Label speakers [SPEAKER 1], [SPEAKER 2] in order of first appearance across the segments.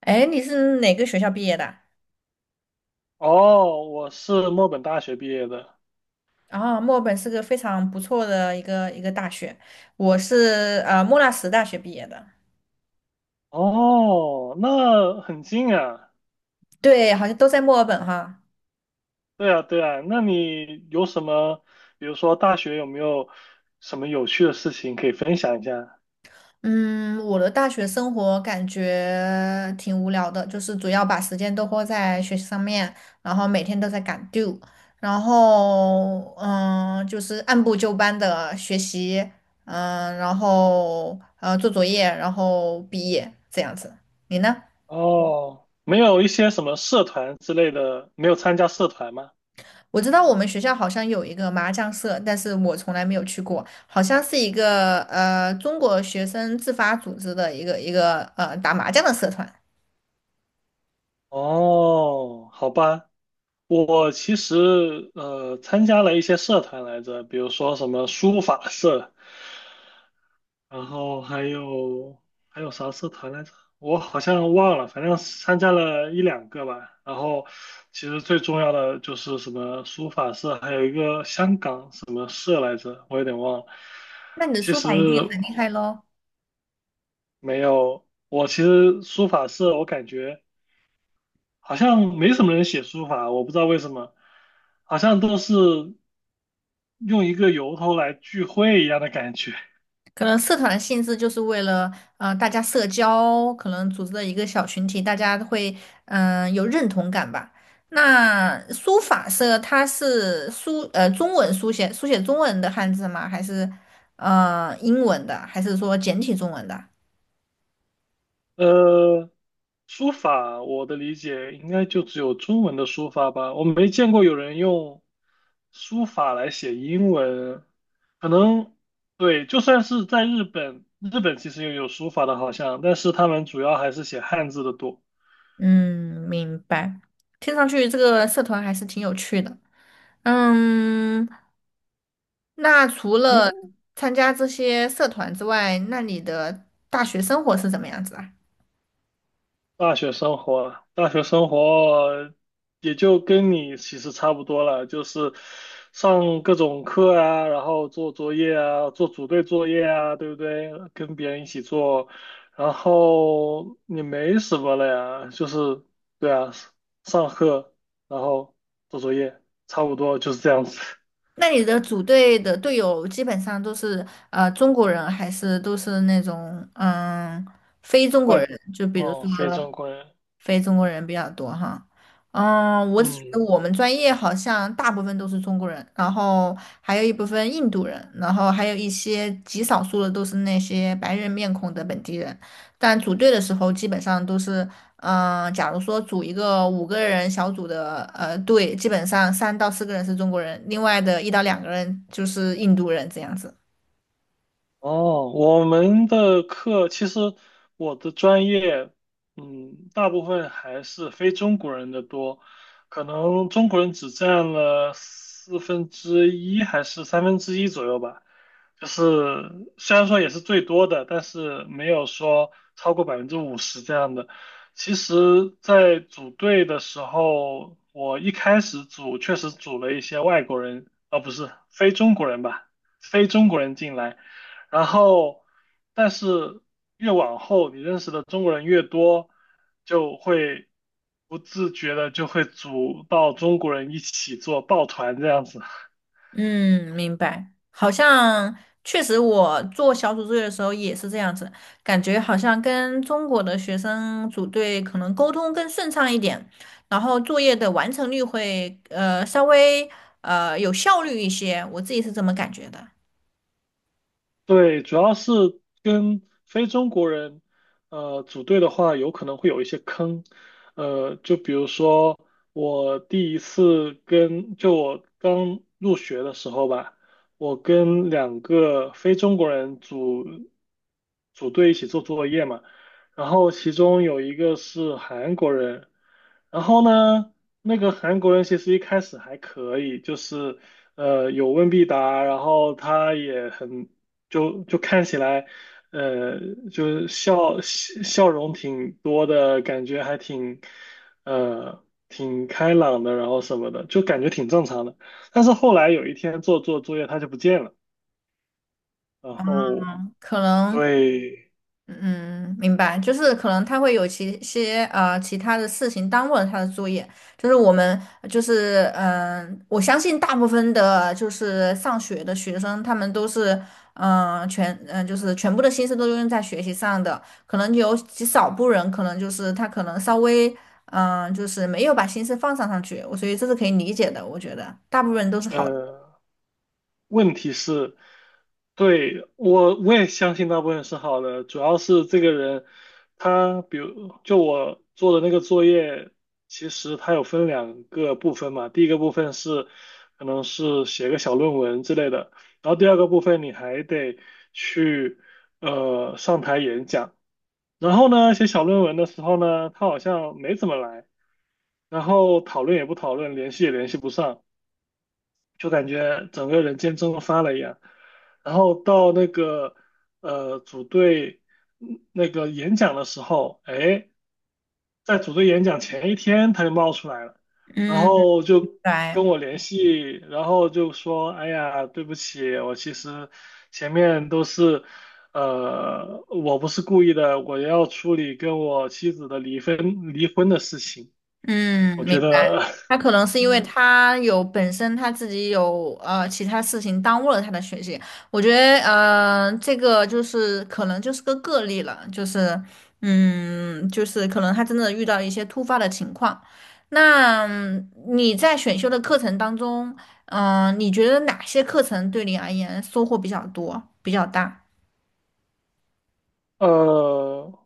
[SPEAKER 1] 哎，你是哪个学校毕业的？
[SPEAKER 2] 哦，我是墨本大学毕业的。
[SPEAKER 1] 啊，墨尔本是个非常不错的一个大学，我是莫纳什大学毕业的。
[SPEAKER 2] 哦，那很近啊。
[SPEAKER 1] 对，好像都在墨尔本哈。
[SPEAKER 2] 对啊，对啊。那你有什么，比如说大学有没有什么有趣的事情可以分享一下？
[SPEAKER 1] 嗯，我的大学生活感觉挺无聊的，就是主要把时间都花在学习上面，然后每天都在赶 due，然后就是按部就班的学习，然后做作业，然后毕业这样子。你呢？
[SPEAKER 2] 哦，没有一些什么社团之类的，没有参加社团吗？
[SPEAKER 1] 我知道我们学校好像有一个麻将社，但是我从来没有去过，好像是一个中国学生自发组织的一个打麻将的社团。
[SPEAKER 2] 哦，好吧。我其实参加了一些社团来着，比如说什么书法社。然后还有啥社团来着？我好像忘了，反正参加了一两个吧。然后其实最重要的就是什么书法社，还有一个香港什么社来着，我有点忘了。
[SPEAKER 1] 那你的
[SPEAKER 2] 其
[SPEAKER 1] 书
[SPEAKER 2] 实
[SPEAKER 1] 法一定很厉害喽，
[SPEAKER 2] 没有，我其实书法社我感觉好像没什么人写书法，我不知道为什么，好像都是用一个由头来聚会一样的感觉。
[SPEAKER 1] 可能社团的性质就是为了大家社交，可能组织的一个小群体，大家会有认同感吧。那书法社它是中文书写中文的汉字吗？还是呃英文的？还是说简体中文的？
[SPEAKER 2] 呃，书法我的理解应该就只有中文的书法吧，我没见过有人用书法来写英文，可能对，就算是在日本，日本其实也有书法的，好像，但是他们主要还是写汉字的多。
[SPEAKER 1] 嗯，明白。听上去这个社团还是挺有趣的。嗯，那除了
[SPEAKER 2] 那
[SPEAKER 1] 参加这些社团之外，那你的大学生活是怎么样子啊？
[SPEAKER 2] 大学生活也就跟你其实差不多了，就是上各种课啊，然后做作业啊，做组队作业啊，对不对？跟别人一起做，然后也没什么了呀，就是对啊，上课，然后做作业，差不多就是这样子。
[SPEAKER 1] 那你的组队的队友基本上都是中国人，还是都是那种非中国
[SPEAKER 2] 外，
[SPEAKER 1] 人？就比如
[SPEAKER 2] 哦，
[SPEAKER 1] 说。
[SPEAKER 2] 非正规，
[SPEAKER 1] 非中国人比较多哈。嗯，我只觉得
[SPEAKER 2] 嗯。
[SPEAKER 1] 我们专业好像大部分都是中国人，然后还有一部分印度人，然后还有一些极少数的都是那些白人面孔的本地人。但组队的时候，基本上都是，嗯、假如说组一个五个人小组的队，基本上三到四个人是中国人，另外的一到两个人就是印度人这样子。
[SPEAKER 2] 哦，我们的课其实我的专业，嗯，大部分还是非中国人的多，可能中国人只占了四分之一还是三分之一左右吧。就是虽然说也是最多的，但是没有说超过50%这样的。其实，在组队的时候，我一开始组确实组了一些外国人，啊，不是非中国人吧，非中国人进来。然后，但是越往后，你认识的中国人越多，就会不自觉的就会组到中国人一起做抱团这样子。
[SPEAKER 1] 嗯，明白。好像确实，我做小组作业的时候也是这样子，感觉好像跟中国的学生组队可能沟通更顺畅一点，然后作业的完成率会稍微有效率一些，我自己是这么感觉的。
[SPEAKER 2] 对，主要是跟非中国人，组队的话，有可能会有一些坑，就比如说我第一次跟，就我刚入学的时候吧，我跟两个非中国人组队一起做作业嘛，然后其中有一个是韩国人，然后呢，那个韩国人其实一开始还可以，就是。有问必答，然后他也很就看起来，呃，就是笑容挺多的，感觉还挺，挺开朗的，然后什么的，就感觉挺正常的。但是后来有一天做作业，他就不见了，然后
[SPEAKER 1] 可能。
[SPEAKER 2] 对，
[SPEAKER 1] 嗯，明白，就是可能他会有其他的事情耽误了他的作业，就是我们我相信大部分的就是上学的学生，他们都是嗯、呃全嗯、呃就是全部的心思都用在学习上的，可能有极少部人可能就是他可能稍微就是没有把心思放上去，我所以这是可以理解的，我觉得大部分人都是好的，
[SPEAKER 2] 问题是，对，我也相信大部分是好的，主要是这个人，他比如就我做的那个作业，其实他有分两个部分嘛，第一个部分是可能是写个小论文之类的，然后第二个部分你还得去上台演讲，然后呢写小论文的时候呢，他好像没怎么来，然后讨论也不讨论，联系也联系不上。就感觉整个人间蒸发了一样。然后到那个组队那个演讲的时候，哎，在组队演讲前一天他就冒出来了，然
[SPEAKER 1] 嗯。
[SPEAKER 2] 后就
[SPEAKER 1] 对。
[SPEAKER 2] 跟我联系，然后就说，哎呀，对不起，我其实前面都是。我不是故意的，我要处理跟我妻子的离婚的事情。
[SPEAKER 1] 嗯，
[SPEAKER 2] 我
[SPEAKER 1] 明
[SPEAKER 2] 觉
[SPEAKER 1] 白。
[SPEAKER 2] 得，
[SPEAKER 1] 他可能是因为他自己有其他事情耽误了他的学习。我觉得这个就是可能就是个个例了，就是就是可能他真的遇到一些突发的情况。那你在选修的课程当中，你觉得哪些课程对你而言收获比较多、比较大？
[SPEAKER 2] 呃，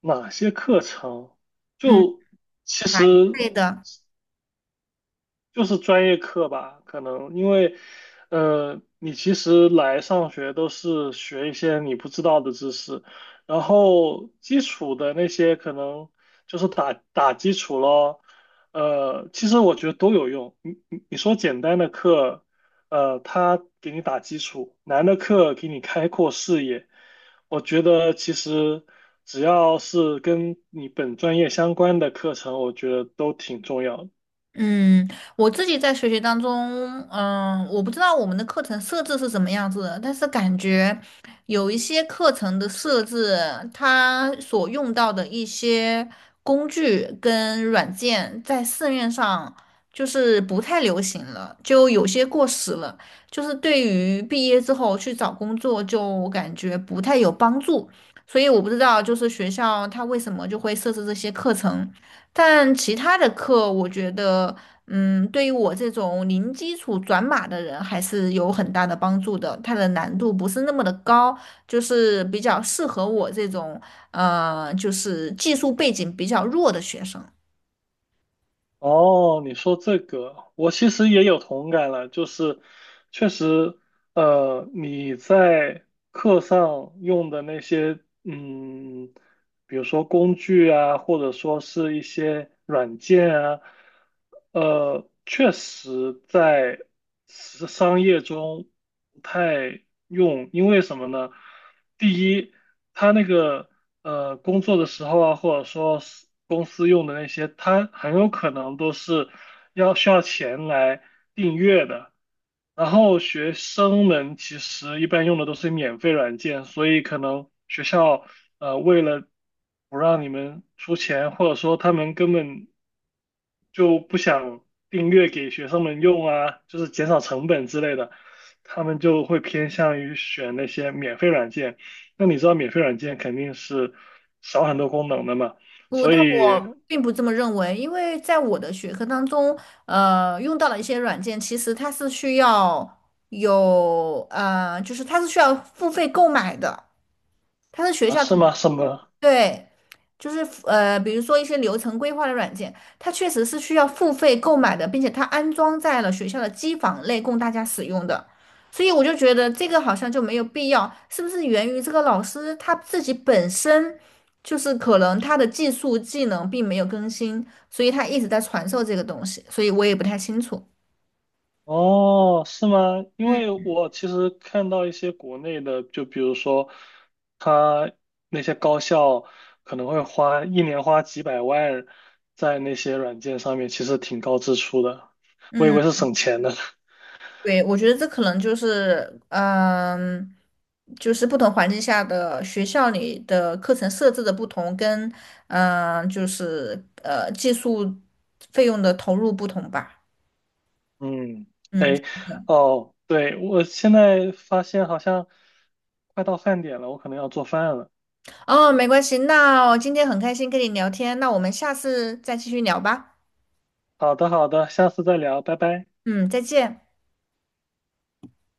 [SPEAKER 2] 哪些课程？
[SPEAKER 1] 嗯，
[SPEAKER 2] 就其
[SPEAKER 1] 哪一
[SPEAKER 2] 实
[SPEAKER 1] 类的？
[SPEAKER 2] 就是专业课吧，可能因为，你其实来上学都是学一些你不知道的知识，然后基础的那些可能就是打打基础咯，其实我觉得都有用。你说简单的课，他给你打基础；难的课给你开阔视野。我觉得其实只要是跟你本专业相关的课程，我觉得都挺重要的。
[SPEAKER 1] 嗯，我自己在学习当中，嗯，我不知道我们的课程设置是什么样子的，但是感觉有一些课程的设置，它所用到的一些工具跟软件，在市面上就是不太流行了，就有些过时了，就是对于毕业之后去找工作，就感觉不太有帮助。所以我不知道，就是学校它为什么就会设置这些课程。但其他的课，我觉得，嗯，对于我这种零基础转码的人，还是有很大的帮助的。它的难度不是那么的高，就是比较适合我这种，呃，就是技术背景比较弱的学生。
[SPEAKER 2] 哦，你说这个，我其实也有同感了，就是确实，你在课上用的那些，嗯。比如说工具啊，或者说是一些软件啊，确实在时商业中不太用，因为什么呢？第一，他那个工作的时候啊，或者说是公司用的那些，它很有可能都是需要钱来订阅的。然后学生们其实一般用的都是免费软件，所以可能学校为了不让你们出钱，或者说他们根本就不想订阅给学生们用啊，就是减少成本之类的，他们就会偏向于选那些免费软件。那你知道免费软件肯定是少很多功能的嘛，
[SPEAKER 1] 我，
[SPEAKER 2] 所
[SPEAKER 1] 但
[SPEAKER 2] 以
[SPEAKER 1] 我并不这么认为，因为在我的学科当中，呃，用到了一些软件，其实它是需要就是它是需要付费购买的，它是学
[SPEAKER 2] 啊，
[SPEAKER 1] 校
[SPEAKER 2] 是
[SPEAKER 1] 统。
[SPEAKER 2] 吗？是吗？
[SPEAKER 1] 对，就是比如说一些流程规划的软件，它确实是需要付费购买的，并且它安装在了学校的机房内供大家使用的，所以我就觉得这个好像就没有必要，是不是源于这个老师他自己本身就是可能他的技能并没有更新，所以他一直在传授这个东西，所以我也不太清楚。
[SPEAKER 2] 哦，是吗？因为我其实看到一些国内的，就比如说，他那些高校可能会花一年花几百万在那些软件上面，其实挺高支出的。我以
[SPEAKER 1] 嗯。
[SPEAKER 2] 为是省钱的。
[SPEAKER 1] 对，我觉得这可能就是，嗯，就是不同环境下的学校里的课程设置的不同，跟技术费用的投入不同吧。
[SPEAKER 2] 嗯，
[SPEAKER 1] 嗯，
[SPEAKER 2] 哎，哦，对，我现在发现好像快到饭点了，我可能要做饭了。
[SPEAKER 1] 哦，没关系，那我今天很开心跟你聊天，那我们下次再继续聊吧。
[SPEAKER 2] 好的，好的，下次再聊，拜拜。
[SPEAKER 1] 嗯，再见。